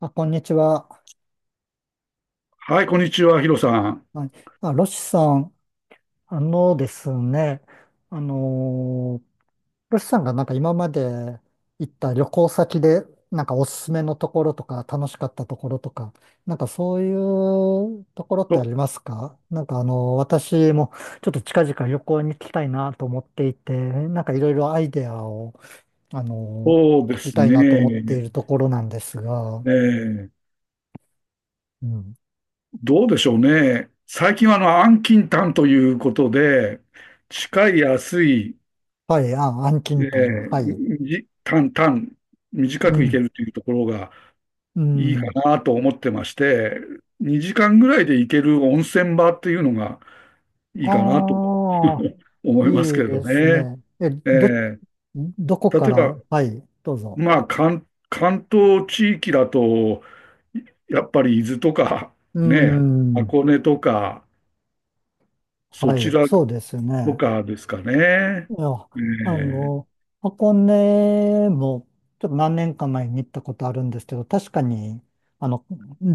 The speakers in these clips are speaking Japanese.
あ、こんにちは。はい、こんにちは、ヒロさん。はい。あ、ロシさん、あのですね、あのーロシさんがなんか今まで行った旅行先で、なんかおすすめのところとか、楽しかったところとか、なんかそういうところってあそりますか？なんか私もちょっと近々旅行に行きたいなと思っていて、なんかいろいろアイデアを、そうで聞きすたいなと思っていね。るところなんですが。えーうん。どうでしょうね。最近はあの、安近短ということで、近い、安い、はい、あ、アンキえントン、ー、はい。み短、短、う短くいけん。るというところがういいかん。なと思ってまして、2時間ぐらいで行ける温泉場っていうのがいいかなと ああ、思いますいいけれどですね。ね。えーどこ例かえら、ば、はい、どうぞ。まあ、関東地域だと、やっぱり伊豆とか、うーね、ん。箱根とか、そはちい、らそうですとね。かですかね。いや、えあえ、の、箱根も、ちょっと何年か前に行ったことあるんですけど、確かに、あの、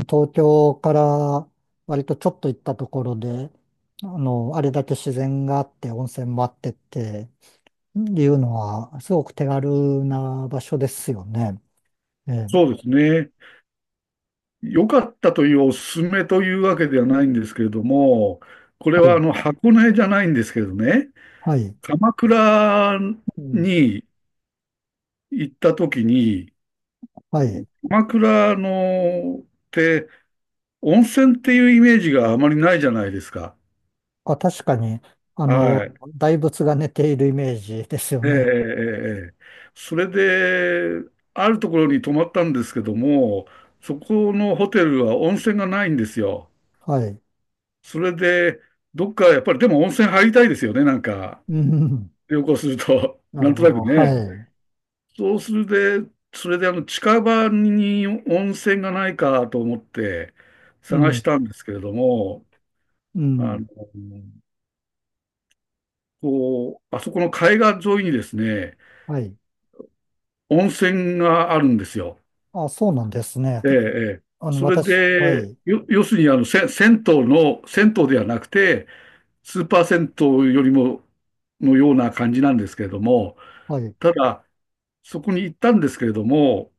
東京から割とちょっと行ったところで、あれだけ自然があって、温泉もあってっていうのは、すごく手軽な場所ですよね。えそえ、うですね。良かったというおすすめというわけではないんですけれども、これははあいの箱根じゃないんですけどね、はい。鎌倉うん、に行った時に、はあい。の鎌倉のって温泉っていうイメージがあまりないじゃないですか。あ、確かに、はい。大仏が寝ているイメージですよええええね。ええ、それで、あるところに泊まったんですけども、そこのホテルは温泉がないんですよ。はい。それで、どっかやっぱりでも温泉入りたいですよね、なんか、うん。旅行すると、ななるんとほなくど。はね。い。そうするで、それであの近場に温泉がないかと思ってう探しん。たんですけれども、うあの、ん。こう、あそこの海岸沿いにですね、はい。温泉があるんですよ。あ、そうなんですね。ええ、ええ。それ私、はで、い。要するにあの、銭湯ではなくて、スーパー銭湯よりも、のような感じなんですけれども、はい。ただ、そこに行ったんですけれども、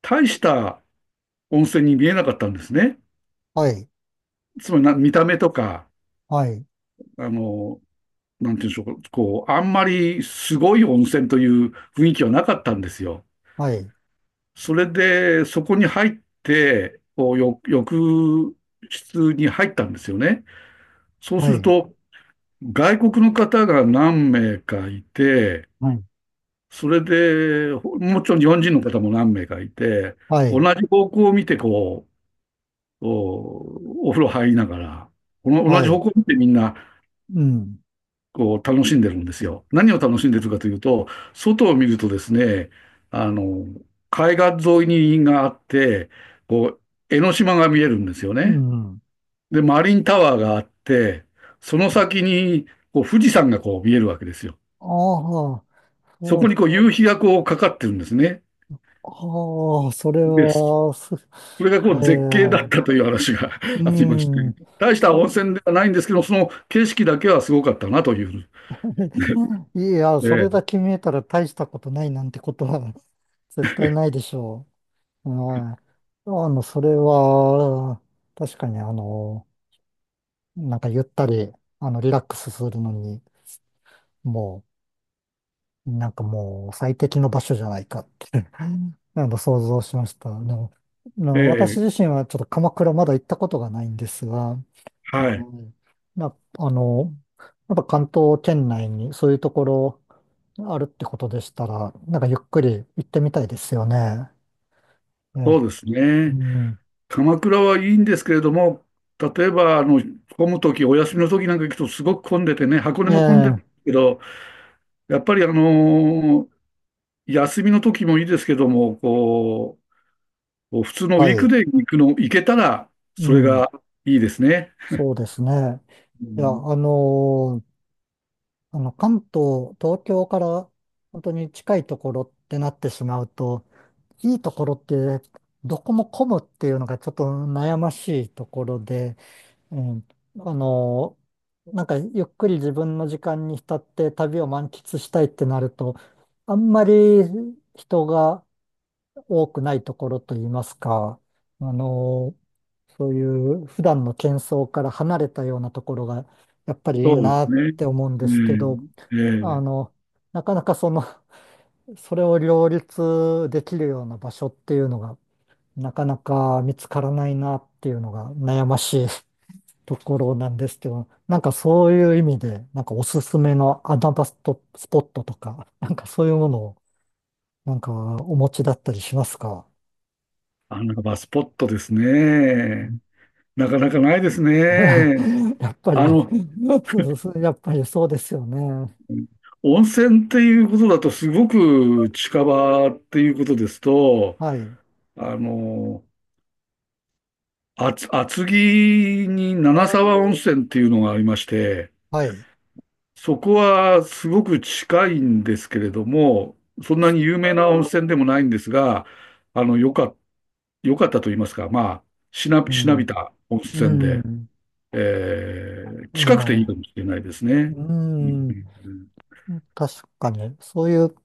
大した温泉に見えなかったんですね。はい。つまりな、見た目とか、はい。あの、なんていうんでしょうか、こう、あんまりすごい温泉という雰囲気はなかったんですよ。はい。それで、そこに入って、こう、浴室に入ったんですよね。そうすはるい。と、外国の方が何名かいて、はい。それで、もちろん日本人の方も何名かいて、は同い。じ方向を見て、こう、お風呂入りながら、この同はじ方い。向を見てみんな、うん。こう、楽しんでるんですよ。何を楽しんでるかというと、外を見るとですね、あの、海岸沿いにがあって、こう、江ノ島が見えるんですようね。ん。で、マリンタワーがあって、その先に、こう、富士山がこう見えるわけですよ。ああ、そそこにう、こう夕日がこうかかってるんですね。ああ、それで、そは、れがこえう絶景だっえ、たという話が う ありまして、ん。大したいや、 温泉ではないんですけど、その景色だけはすごかったなという。いや、それえだけ見えたら大したことないなんてことは 絶対ないでしょう。はい。それは、確かになんかゆったり、リラックスするのに、もう、なんかもう最適の場所じゃないかって 想像しました。え私ええ、自身はちょっと鎌倉まだ行ったことがないんですが、うはい。ん、な、あの、やっぱ関東圏内にそういうところあるってことでしたら、なんかゆっくり行ってみたいですよね。ええ、そうですうね。ん、鎌倉はいいんですけれども、例えば、あの、混むとき、お休みのときなんか行くとすごく混んでてね、箱根えも混んでるえ、けど、やっぱり休みのときもいいですけども、こう、こう普通のウはィークい、デーに行くの、行けたら、うそれん、がいいですね。そうですね。ういや、ん、関東、東京から本当に近いところってなってしまうと、いいところってどこも混むっていうのがちょっと悩ましいところで、ええ、あの、なんかゆっくり自分の時間に浸って旅を満喫したいってなると、あんまり人が多くないところといいますか、あの、そういう普段の喧騒から離れたようなところがやっぱりいいそうでなすっね。て思うんですけど、うえ、あええ。の、なかなかその、それを両立できるような場所っていうのが、なかなか見つからないなっていうのが悩ましいところなんですけど、なんかそういう意味で、なんかおすすめの穴場ストスポットとか、なんかそういうものを、なんかお持ちだったりしますか？あ、なんかバスポットですうね。ん。 なかなかないですね。やっぱりあの、そうそう、やっぱりそうですよね。温泉っていうことだと、すごく近場っていうことですと、はい、あの、厚木に七沢温泉っていうのがありまして、はい。そこはすごく近いんですけれども、そんなに有名な温泉でもないんですが、あの、よかったと言いますか、まあ、うしなびん、た温う泉で、ん、え近くていいえ、かもしれないですね。ううん、ん、確かに、そういう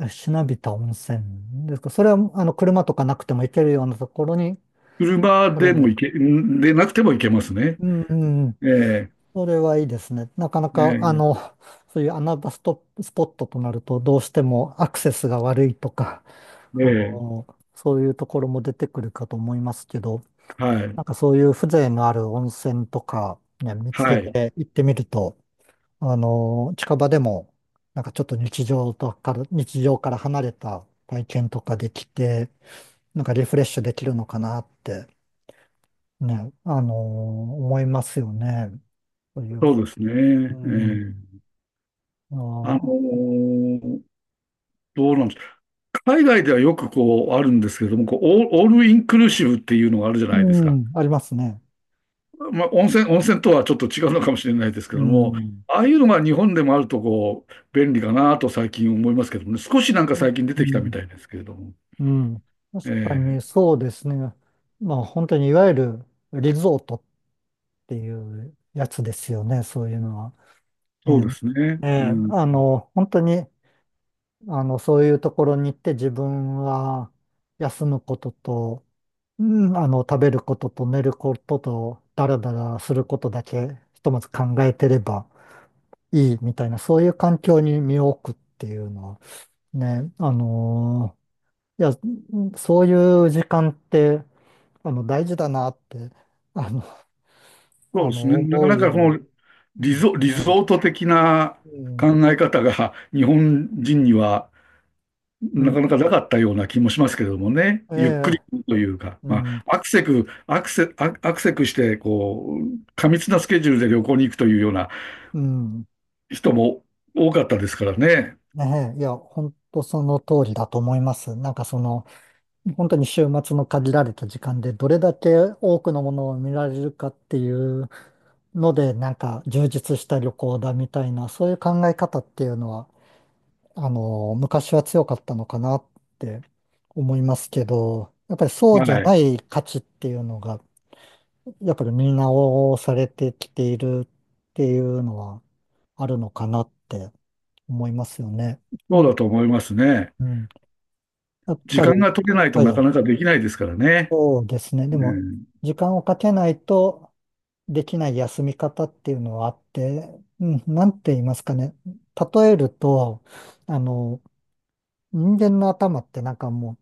しなびた温泉ですか？それは、車とかなくても行けるようなところに、車これでもね、行け、んでなくても行けますね。うん、うん、ええそれはいいですね。なかなか、えそういう穴場スポットとなると、どうしてもアクセスが悪いとか、あえええ、の、そういうところも出てくるかと思いますけど、はない、んかそういう風情のある温泉とか、ね、見つけはい、て行ってみると、近場でも、なんかちょっと日常から離れた体験とかできて、なんかリフレッシュできるのかなって、ね、思いますよね。そういう。そうですうね。えん、え、ああのあ、ーどうなんですか。海外ではよくこうあるんですけれども、こうオールインクルーシブっていうのがあるじゃないですうか。ん、ありますね。まあ、温泉とはちょっと違うのかもしれないですけうども、ん、ああいうのが日本でもあるとこう便利かなと最近思いますけどもね、少しなんか最近出うてきたみん、たいですけれども。うん。確えかにねえ、そうですね。まあ本当にいわゆるリゾートっていうやつですよね、そういうのは。えそうですね。え、えうえ、ん、本当に、そういうところに行って自分は休むことと、うん、食べることと寝ることと、だらだらすることだけ、ひとまず考えてればいいみたいな、そういう環境に身を置くっていうのは、ね、いや、そういう時間って、大事だなって、あの、そうですね。なか思うなかようこに、のうんリね、ゾート的なうん、考え方が 日本人にはうなん、かなかなかったような気もしますけれどもね。えゆっくりえ、というか、うまん、あ、アクセクして、こう、過密なスケジュールで旅行に行くというようなうん、人も多かったですからね。ねえ、いや、本当その通りだと思います。なんか本当に週末の限られた時間でどれだけ多くのものを見られるかっていうので、なんか充実した旅行だみたいな、そういう考え方っていうのは、昔は強かったのかなって思いますけど、やっぱりそうはじゃい。ない価値っていうのが、やっぱり見直されてきているっていうのはあるのかなって思いますよね。なそうんで、だと思いますね。うん、やっ時ぱり、間が取れないとはなかい、なかできないですからね。そうですね。うでも、ん、時間をかけないとできない休み方っていうのはあって、うん、なんて言いますかね。例えると、あの、人間の頭ってなんかもう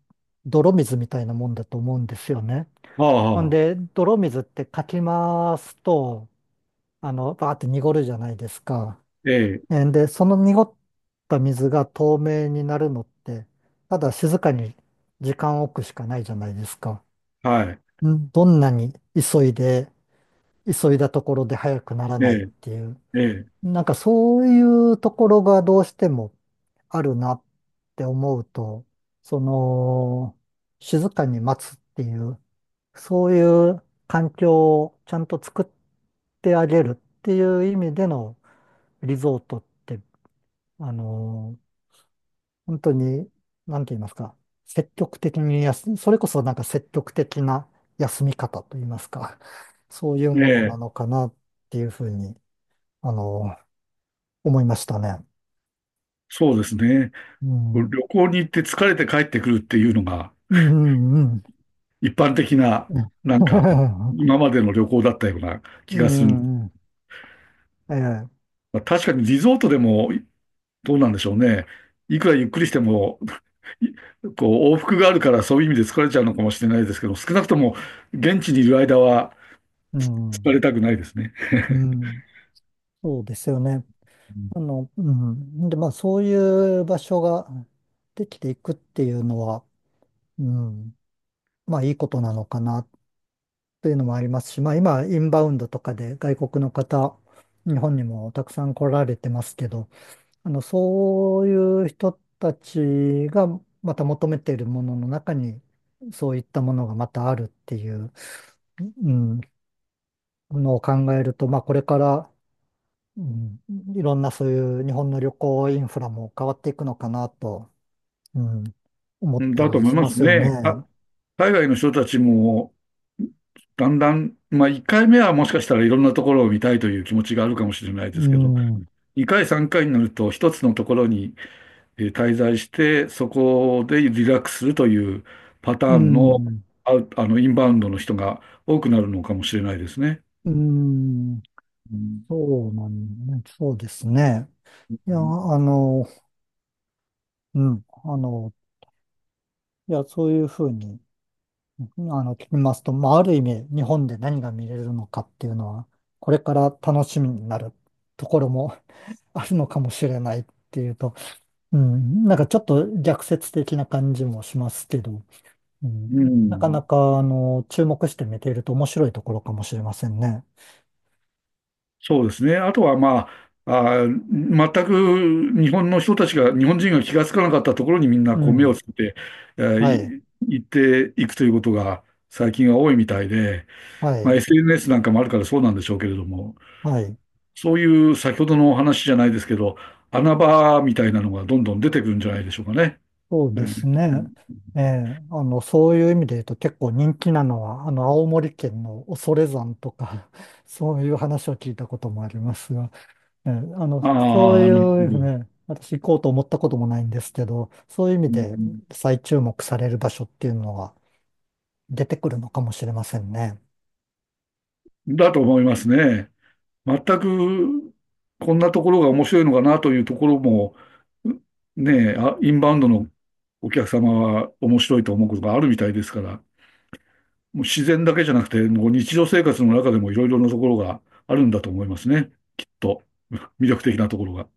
泥水みたいなもんだと思うんですよね。あほんあ、で、泥水ってかき回すと、バーって濁るじゃないですか。ええ、で、その濁った水が透明になるのって、ただ静かに時間を置くしかないじゃないですか。はい。どんなに急いで、急いだところで早くならえないっえ、ていう。ええ。なんかそういうところがどうしてもあるなって思うと、その、静かに待つっていう、そういう環境をちゃんと作ってあげるっていう意味でのリゾートって、あの、本当に、なんて言いますか、積極的にそれこそなんか積極的な休み方と言いますか、そういうえものなえ、のかなっていうふうに、あの、思いましたね。そうですね。う旅ん行に行って疲れて帰ってくるっていうのがうんうん。一般的な、なんか、今までの旅行だったようなう気がする。ん。うん、ええ。まあ、確かにリゾートでもどうなんでしょうね。いくらゆっくりしても、いこう往復があるからそういう意味で疲れちゃうのかもしれないですけど、少なくとも現地にいる間はう疲れん。たくないですね。うん。そうですよね。うん。で、まあ、そういう場所ができていくっていうのは、うん。まあ、いいことなのかなっていうのもありますし、まあ、今、インバウンドとかで外国の方、日本にもたくさん来られてますけど、そういう人たちがまた求めているものの中に、そういったものがまたあるっていう。うんのを考えると、まあ、これから、うん、いろんなそういう日本の旅行インフラも変わっていくのかなと、うん、思っうんただとり思いしまますすよね。ね。海外の人たちも、だんだん、まあ、1回目はもしかしたらいろんなところを見たいという気持ちがあるかもしれないでうすけど、ん、2回、3回になると、一つのところに滞在して、そこでリラックスするというパタうーンの、ん、あ、あの、インバウンドの人が多くなるのかもしれないですね。うん、うん。そうなんね、そうですね。いや、うん、いや、そういうふうに、うん、聞きますと、まあ、ある意味、日本で何が見れるのかっていうのは、これから楽しみになるところも あるのかもしれないっていうと、うん、なんかちょっと逆説的な感じもしますけど、ううん、なかなん、か、注目して見ていると面白いところかもしれませんね。そうですね。あとはまあ、あー、全く日本の人たちが、日本人が気がつかなかったところにみんなうこう目ん。をつけて、えはい。ーい行っていくということが最近は多いみたいで、はまあ、い。SNS なんかもあるからそうなんでしょうけれども、はい。そういう先ほどのお話じゃないですけど、穴場みたいなのがどんどん出てくるんじゃないでしょうかね。そうえでー、すね。ええ、そういう意味で言うと結構人気なのは、青森県の恐山とか、そういう話を聞いたこともありますが、ええ、そうあいあ、なるほうど。ね、私行こうと思ったこともないんですけど、そういう意味うでん再注目される場所っていうのは、出てくるのかもしれませんね。だと思いますね。全くこんなところが面白いのかなというところも、ねえ、あ、インバウンドのお客様は面白いと思うことがあるみたいですから、もう自然だけじゃなくて、もう日常生活の中でもいろいろなところがあるんだと思いますね。きっと、魅力的なところが。